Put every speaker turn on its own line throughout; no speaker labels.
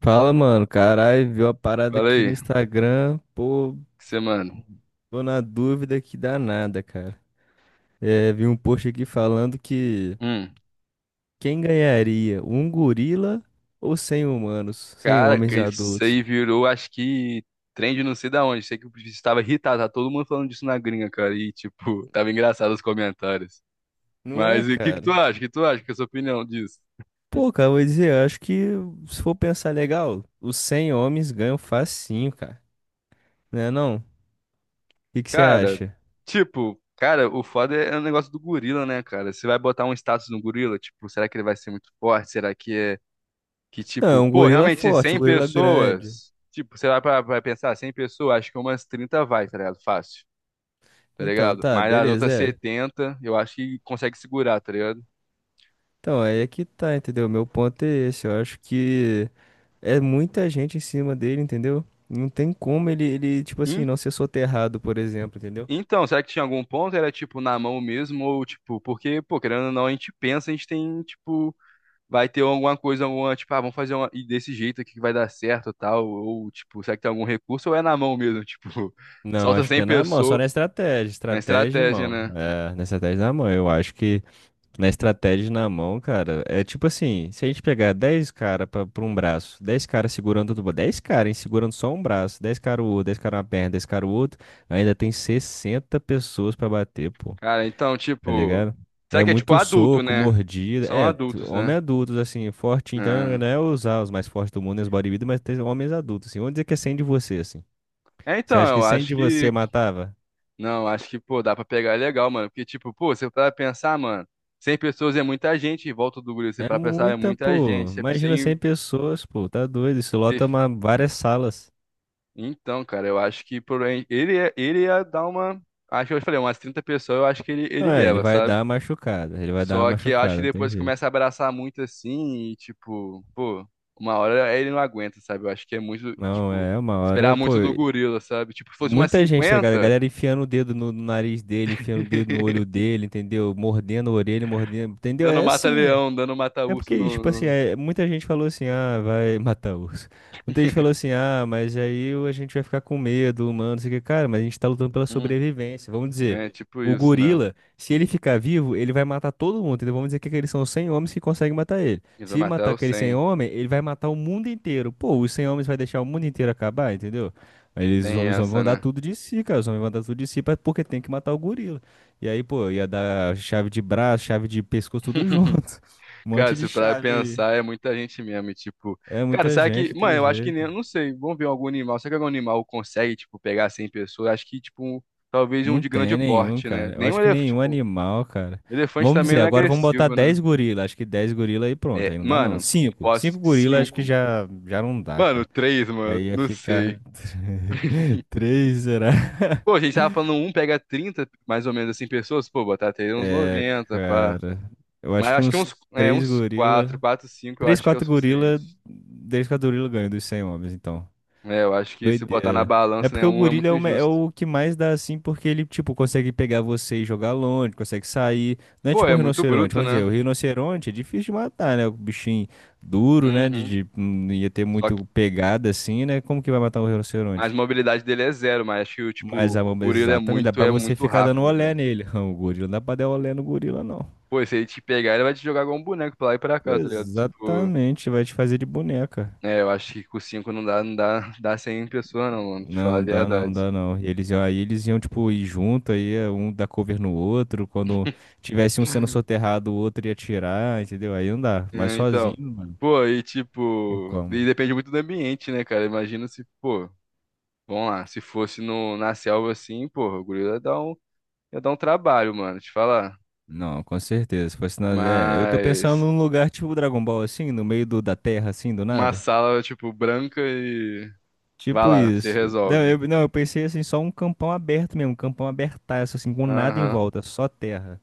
Fala, mano. Caralho, viu a parada
Fala
aqui no
aí,
Instagram? Pô,
você, mano.
tô na dúvida que dá nada, cara. É, vi um post aqui falando que
Hum,
quem ganharia, um gorila ou 100 humanos, 100
Cara, que
homens
Oi. Isso
adultos?
aí virou, acho que trend não sei da onde. Sei que estava irritado, tá todo mundo falando disso na gringa, cara. E, tipo, tava engraçado os comentários.
Não é,
Mas e o que que tu
cara?
acha? O que tu acha? Que é a sua opinião disso?
Pô, cara, vou dizer, eu acho que se for pensar legal, os 100 homens ganham facinho, cara. Né não? O que que você
Cara, Ah,
acha?
tipo, cara, o foda é o negócio do gorila, né, cara? Você vai botar um status no gorila, tipo, será que ele vai ser muito forte? Será que é que,
Não, é
tipo,
um
pô,
gorila
realmente
forte, um
100
gorila grande.
pessoas, tipo, você vai pra pensar, 100 pessoas, acho que umas 30 vai, tá ligado? Fácil. Tá
Então,
ligado?
tá,
Mas as
beleza,
outras
é.
70 eu acho que consegue segurar, tá ligado?
Então, aí é que tá, entendeu? Meu ponto é esse. Eu acho que é muita gente em cima dele, entendeu? Não tem como ele, tipo assim,
En-
não ser soterrado, por exemplo, entendeu?
Então, será que tinha algum ponto? Era tipo na mão mesmo, ou tipo, porque, pô, querendo ou não, a gente pensa, a gente tem, tipo, vai ter alguma coisa, alguma, tipo, ah, vamos fazer uma, e desse jeito aqui que vai dar certo e tal, ou tipo, será que tem algum recurso, ou é na mão mesmo, tipo,
Não,
solta
acho que
100
é na mão, só
pessoas
na estratégia.
na
Estratégia e
estratégia,
mão.
né?
É, na estratégia e na mão. Eu acho que na estratégia e na mão, cara, é tipo assim, se a gente pegar 10 caras pra um braço, 10 caras segurando tudo, 10 caras, hein, segurando só um braço, 10 caras o outro, 10 caras uma perna, 10 caras o outro, ainda tem 60 pessoas pra bater, pô.
Cara, então,
tá
tipo,
ligado?
será
É
que é tipo
muito
adulto,
soco,
né?
mordida.
São
É,
adultos,
homem
né?
adultos, assim, forte. Então,
Ah,
não é usar os mais fortes do mundo e os bodybuilders, mas tem homens adultos, assim. Vamos dizer que é 100 de você, assim.
é,
Você
então,
acha que
eu
100
acho
de você
que
matava?
não, acho que, pô, dá pra pegar legal, mano. Porque, tipo, pô, você para pensar, mano, 100 pessoas é muita gente, em volta do grupo, você
É
para pensar, é
muita,
muita gente.
pô.
Você,
Imagina
sem,
100 pessoas, pô. Tá doido. Isso
você-
lota uma, várias salas.
então, cara, eu acho que por aí- ele, ele ia dar uma. Acho que eu falei, umas 30 pessoas, eu acho que ele,
Não,
ele
é, ele
leva,
vai
sabe?
dar uma machucada. Ele vai dar uma
Só que eu acho que
machucada, não tem
depois começa
jeito.
a abraçar muito assim, e, tipo, pô, uma hora ele não aguenta, sabe? Eu acho que é muito,
Não,
tipo,
é uma hora,
esperar
pô.
muito do gorila, sabe? Tipo, se fosse umas
Muita gente, tá ligado? A
cinquenta
galera enfiando o dedo no nariz dele, enfiando o dedo no olho dele, entendeu? Mordendo a orelha, mordendo. Entendeu?
dando
É assim, é.
mata-leão, dando
É
mata-urso
porque, tipo assim,
no.
é, muita gente falou assim, ah, vai matar urso. Muita gente falou assim, ah, mas aí a gente vai ficar com medo, humano, não sei o que. Cara, mas a gente tá lutando pela sobrevivência. Vamos dizer,
É tipo
o
isso, né?
gorila, se ele ficar vivo, ele vai matar todo mundo, entendeu? Vamos dizer que aqueles são os 100 homens que conseguem matar ele.
E vai
Se
matar
matar
o
aquele 100
100.
homens, ele vai matar o mundo inteiro. Pô, os 100 homens vai deixar o mundo inteiro acabar, entendeu? Aí eles,
Tem
os homens
essa,
vão dar
né?
tudo de si, cara. Os homens vão dar tudo de si porque tem que matar o gorila. E aí, pô, ia dar chave de braço, chave de pescoço, tudo junto. Um
Cara,
monte de
se pra
chave.
pensar, é muita gente mesmo. E, tipo,
É
cara,
muita
será
gente,
que.
não
Mano,
tem
eu acho que nem.
jeito.
Eu não sei. Vamos ver algum animal. Será que algum animal consegue, tipo, pegar 100 pessoas? Acho que, tipo, um- talvez um
Não
de
tem
grande
nenhum,
porte, né?
cara. Eu
Nem um
acho que
elefante.
nenhum
Tipo,
animal, cara.
elefante
Vamos
também
dizer,
não é
agora vamos botar
agressivo, né?
10 gorila. Acho que 10 gorila aí pronto,
É,
aí não dá não.
mano,
cinco
posso.
cinco gorila acho
Cinco.
que já não dá,
Mano,
cara.
3, mano.
Aí ia
Não
ficar
sei.
três será?
Pô, a gente tava falando um pega 30, mais ou menos assim, pessoas. Pô, botar até uns
É,
90, pá.
cara. Eu
Mas
acho
eu
que
acho que
uns
uns, é,
3
uns quatro,
gorila.
quatro, cinco, eu
Três
acho que é o
4 gorila.
suficiente.
3, 4 gorila ganha dos 100 homens, então.
É, eu acho que se botar na
Doideira. É
balança, né,
porque o
um é
gorila é
muito
o, me- é
injusto.
o que mais dá assim, porque ele, tipo, consegue pegar você e jogar longe, consegue sair. Não é
Pô,
tipo
é
um
muito
rinoceronte.
bruto,
Vamos dizer,
né?
o rinoceronte é difícil de matar, né? O bichinho duro, né? De,
Uhum.
de- não ia ter
Só que,
muito pegada assim, né? Como que vai matar um
mas a
rinoceronte?
mobilidade dele é zero, mas acho que, o tipo,
Mas a
o
mamba,
gorila
exatamente, dá pra
é
você
muito
ficar dando
rápido,
olé
velho.
nele. O gorila não dá pra dar olé no gorila, não.
Pô, e se ele te pegar, ele vai te jogar igual um boneco pra lá e pra cá, tá ligado? Tipo,
Exatamente, vai te fazer de boneca.
é, eu acho que com cinco não dá, não dá, dá 100 pessoas, não, mano, pra te falar a
Não, dá não,
verdade.
dá não. E aí eles iam, tipo, ir junto, aí um dar cover no outro. Quando tivesse um sendo soterrado, o outro ia atirar, entendeu? Aí não dá. Mas
É, então,
sozinho, mano,
pô, e
tem
tipo,
como.
e depende muito do ambiente, né, cara? Imagina se, pô. Vamos lá. Se fosse no, na selva assim, porra, o gorila ia dar um trabalho, mano, te falar.
Não, com certeza. Se fosse na... É, eu tô pensando
Mas
num lugar tipo Dragon Ball, assim, no meio da terra, assim, do
uma
nada.
sala, tipo, branca e. Vai
Tipo
lá, você
isso. Não, eu,
resolve.
não, eu pensei assim, só um campão aberto mesmo, um campão abertaço, assim, com nada em
Aham.
volta, só terra,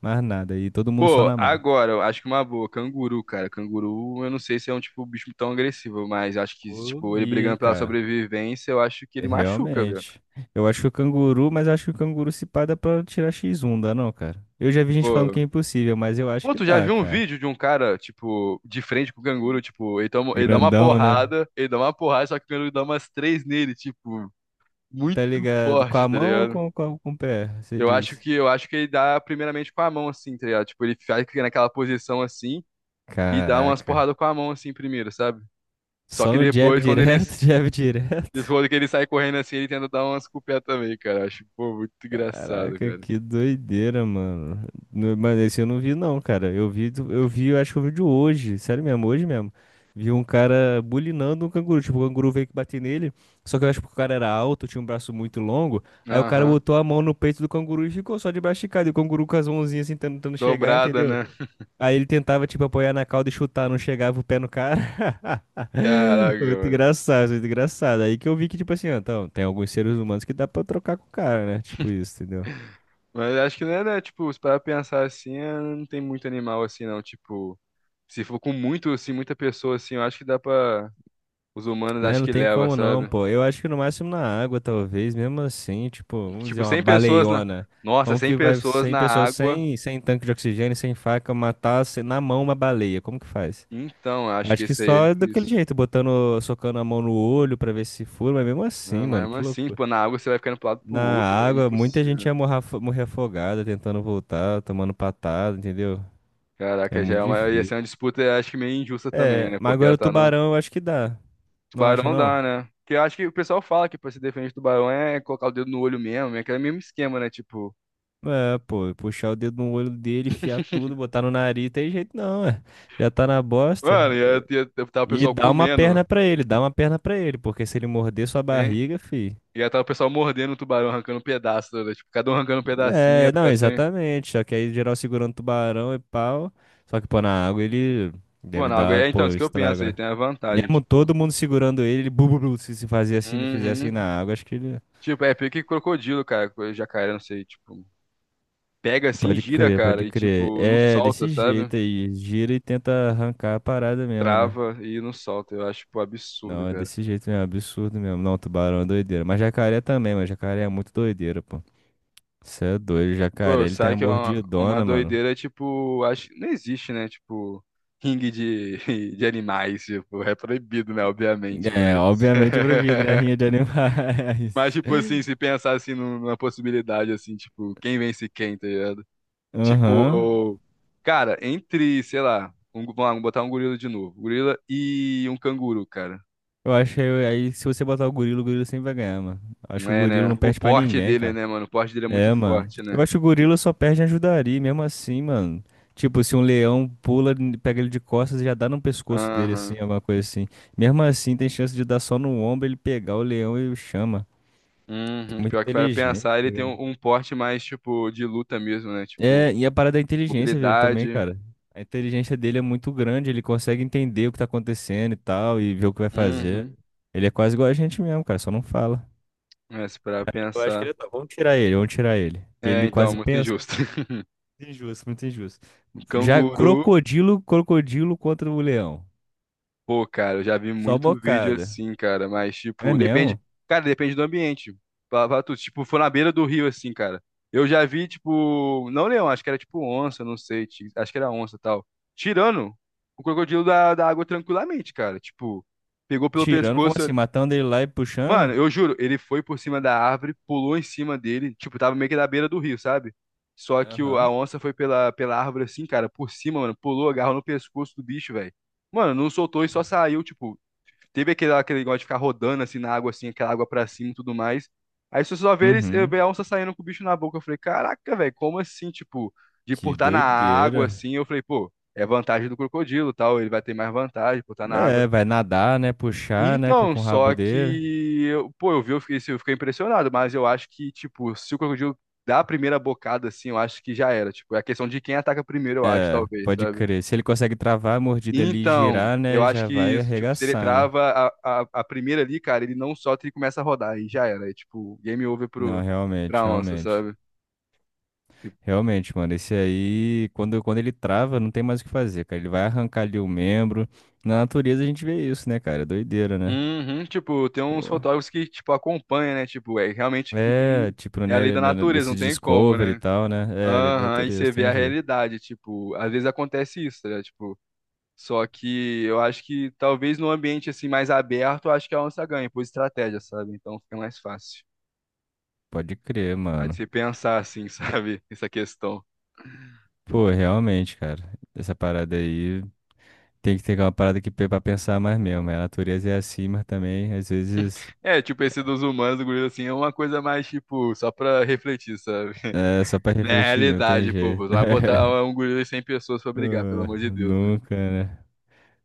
mais nada. E todo mundo só
Pô,
na mão.
agora, eu acho que uma boa, canguru, cara. Canguru, eu não sei se é um tipo bicho tão agressivo, mas acho que,
Eu
tipo, ele
vi, hein,
brigando pela
cara.
sobrevivência, eu acho que ele machuca, velho.
Realmente. Eu acho que o canguru, mas acho que o canguru se pá dá pra tirar X1, dá não, cara? Eu já vi gente falando que
Pô.
é impossível, mas eu acho
Pô,
que
tu já
dá,
viu um
cara.
vídeo de um cara, tipo, de frente com o canguru, tipo, ele, toma, ele dá uma
Grandão, né?
porrada, ele dá uma porrada, só que o canguru dá umas três nele, tipo, muito
Tá ligado? Com
forte,
a
tá
mão ou
ligado?
com o pé? Você
Eu acho
diz.
que eu acho que ele dá primeiramente com a mão assim, tá ligado? Tipo, ele fica naquela posição assim e dá umas
Caraca.
porradas com a mão assim primeiro, sabe? Só
Só
que
no jab direto, jab direto.
depois que ele sai correndo assim, ele tenta dar umas com o pé também, cara. Eu acho, pô, muito engraçado,
Caraca,
cara.
que doideira, mano. Mano, esse eu não vi, não, cara. Eu vi, eu vi, eu acho que eu vi de hoje. Sério mesmo, hoje mesmo. Vi um cara bulinando um canguru. Tipo, o canguru veio que bater nele. Só que eu acho que o cara era alto, tinha um braço muito longo. Aí o cara
Aham.
botou a mão no peito do canguru e ficou só de braço esticado. E o canguru com as mãozinhas assim, tentando chegar,
Dobrada,
entendeu?
né?
Aí ele tentava, tipo, apoiar na cauda e chutar, não chegava o pé no cara.
Caraca,
Muito
mano.
engraçado, muito engraçado. Aí que eu vi que, tipo assim, ó, então, tem alguns seres humanos que dá pra trocar com o cara, né? Tipo isso, entendeu?
Mas acho que não é, né, tipo, se parar pra pensar assim, é, não tem muito animal assim, não. Tipo, se for com muito, assim, muita pessoa assim, eu acho que dá pra. Os humanos
Né,
acho
não
que
tem
leva,
como não,
sabe?
pô. Eu acho que no máximo na água, talvez, mesmo assim, tipo, vamos dizer,
Tipo,
uma
100 pessoas na.
baleiona.
Nossa,
Como
100
que vai
pessoas
100
na
pessoas
água.
sem tanque de oxigênio, sem faca, matar na mão uma baleia? Como que faz?
Então, eu acho
Acho
que
que
isso aí é
só daquele
difícil.
jeito, botando, socando a mão no olho pra ver se fura, mas mesmo assim,
Não, mas
mano,
mesmo
que
assim,
loucura.
pô, na água você vai ficando pro lado e pro
Na
outro, é
água, muita gente
impossível.
ia morrer, morrer afogada, tentando voltar, tomando patada, entendeu? É
Caraca, já
muito
é uma, ia
difícil.
ser uma disputa, eu acho que meio injusta também,
É,
né?
mas
Porque ela
agora o
tá no.
tubarão eu acho que dá. Não acha,
Tubarão
não?
dá, né? Porque eu acho que o pessoal fala que pra se defender do tubarão é colocar o dedo no olho mesmo, é aquele mesmo esquema, né? Tipo,
É, pô, puxar o dedo no olho dele, enfiar tudo, botar no nariz, tem jeito não, é. Já tá na bosta.
mano, ia tá o
E
pessoal
dá uma perna
comendo,
pra ele, dá uma perna pra ele, porque se ele morder sua
né?
barriga, fi.
Ia tá o pessoal mordendo o tubarão, arrancando um pedaço, né? Tipo, cada um arrancando um pedacinho, ia
É, não,
ficar sem.
exatamente. Só que aí geral segurando tubarão e pau. Só que, pô, na água ele
Pô,
deve
na água.
dar,
É, então,
pô,
isso que eu
estrago,
penso aí,
né?
tem a vantagem,
Mesmo
tipo.
todo mundo segurando ele, ele bu, bu, bu, se fazia assim, não fizesse assim
Uhum.
na água, acho que ele.
Tipo, é pique crocodilo, cara, coisa de jacaré, não sei, tipo, pega assim,
Pode
gira,
crer,
cara,
pode
e
crer.
tipo, não
É,
solta,
desse
sabe?
jeito aí. Gira e tenta arrancar a parada mesmo, né?
Trava e não solta. Eu acho, tipo, absurdo,
Não, é
cara.
desse jeito mesmo, absurdo mesmo. Não, tubarão é doideira. Mas jacaré também, mas jacaré é muito doideira, pô. Você é doido, jacaré,
Pô,
ele tem
sabe
a
que é uma
mordidona, mano.
doideira, tipo, acho que não existe, né? Tipo, ringue de, de animais, tipo, é proibido, né? Obviamente,
É,
mas.
obviamente proibido, né? Rinha de
Mas,
animais.
tipo, assim, se pensar assim numa possibilidade, assim, tipo, quem vence quem, tá ligado?
Aham.
Tipo, cara, entre, sei lá, um, vamos lá, vamos botar um gorila de novo. Gorila e um canguru, cara.
Eu acho que aí, se você botar o gorila sempre vai ganhar, mano. Acho que o
É,
gorila não
né? O
perde pra
porte
ninguém,
dele,
cara.
né, mano? O porte dele é muito
É, mano.
forte, né?
Eu acho que o gorila só perde em ajudaria, mesmo assim, mano. Tipo, se um leão pula, pega ele de costas e já dá no pescoço dele,
Aham.
assim, alguma coisa assim. Mesmo assim, tem chance de dar só no ombro, ele pegar o leão e o chama. É
Uhum.
muito
Pior que para
inteligente,
pensar,
tá
ele tem
ligado?
um, um porte mais, tipo, de luta mesmo, né? Tipo,
É, e a parada da inteligência dele também,
mobilidade.
cara. A inteligência dele é muito grande, ele consegue entender o que tá acontecendo e tal, e ver o que vai fazer.
Uhum.
Ele é quase igual a gente mesmo, cara, só não fala.
É, se parar
Eu acho que
pensar.
ele tá. Vamos tirar ele, vamos tirar ele. Que
É,
Ele
então,
quase
muito
pensa.
injusto.
Injusto, muito injusto.
O
Já
canguru.
crocodilo, crocodilo contra o leão.
Pô, cara, eu já vi
Só
muito vídeo
bocada.
assim, cara, mas
É
tipo, depende,
mesmo?
cara, depende do ambiente. Pra tu, tipo, foi na beira do rio assim, cara. Eu já vi tipo, não leão, acho que era tipo onça, não sei, acho que era onça, e tal. Tirando o crocodilo da água tranquilamente, cara. Tipo, pegou pelo
Tirando, como
pescoço.
assim? Matando ele lá e
Mano,
puxando?
eu juro, ele foi por cima da árvore, pulou em cima dele, tipo, tava meio que na beira do rio, sabe? Só que o, a
Aham.
onça foi pela árvore assim, cara, por cima, mano, pulou, agarrou no pescoço do bicho, velho. Mano, não soltou e só saiu, tipo, teve aquele, aquele negócio de ficar rodando assim na água, assim, aquela água pra cima e tudo mais. Aí se você só vê eles, eu
Uhum.
vi a onça saindo com o bicho na boca. Eu falei, caraca, velho, como assim, tipo, de por
Que
estar na água
doideira.
assim? Eu falei, pô, é vantagem do crocodilo, tal, ele vai ter mais vantagem por estar na água.
É, vai nadar, né? Puxar, né? Com
Então,
com o rabo
só
dele.
que, eu, pô, eu vi, eu fiquei, assim, eu fiquei impressionado, mas eu acho que, tipo, se o crocodilo dá a primeira bocada assim, eu acho que já era. Tipo, é a questão de quem ataca primeiro, eu acho,
É,
talvez,
pode
sabe?
crer. Se ele consegue travar a mordida ali e
Então,
girar,
eu
né?
acho
Já
que
vai
isso, tipo, se ele
arregaçar, né?
trava a primeira ali, cara, ele não solta e começa a rodar, e já era. É tipo, game over
Não, realmente,
pra onça,
realmente.
sabe? Tipo,
Realmente, mano, esse aí, quando ele trava, não tem mais o que fazer, cara. Ele vai arrancar ali o membro. Na natureza a gente vê isso, né, cara? É doideira, né?
uhum, tipo, tem uns
Pô.
fotógrafos que, tipo, acompanham, né? Tipo, é realmente que tem.
É, tipo,
É a lei da natureza,
nesse
não tem como,
Discovery e
né?
tal, né? É, lei da
Aham, e
natureza,
você vê
tem
a
jeito.
realidade, tipo, às vezes acontece isso, né? Tipo, só que eu acho que talvez num ambiente assim mais aberto, eu acho que a onça ganha por estratégia, sabe? Então fica mais fácil.
Pode crer,
Aí de
mano.
você pensar assim, sabe? Essa questão.
Pô, realmente, cara. Essa parada aí tem que ter uma parada que pra pensar mais mesmo, né? A natureza é assim, mas também, às vezes,
É, tipo, esse dos humanos, do gorila, assim, é uma coisa mais, tipo, só pra refletir, sabe?
é só pra
Na
refletir mesmo, tem
realidade, pô, pô,
jeito.
não vai botar um gorila e 100 pessoas pra brigar, pelo amor
Ah,
de Deus, né?
Nunca, né?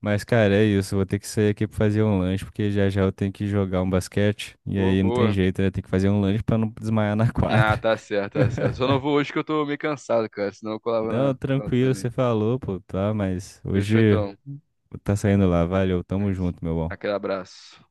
Mas, cara, é isso. Vou ter que sair aqui pra fazer um lanche, porque já já eu tenho que jogar um basquete. E
Pô,
aí não tem
boa.
jeito, né? Tem que fazer um lanche pra não desmaiar na
Ah,
quadra.
tá certo, tá certo. Só não vou hoje que eu tô meio cansado, cara, senão eu colava
Não,
na... colava
tranquilo,
também.
você falou, pô, tá? Mas
Fechou,
hoje
então.
tá saindo lá. Valeu,
É
tamo
isso.
junto, meu bom.
Aquele abraço.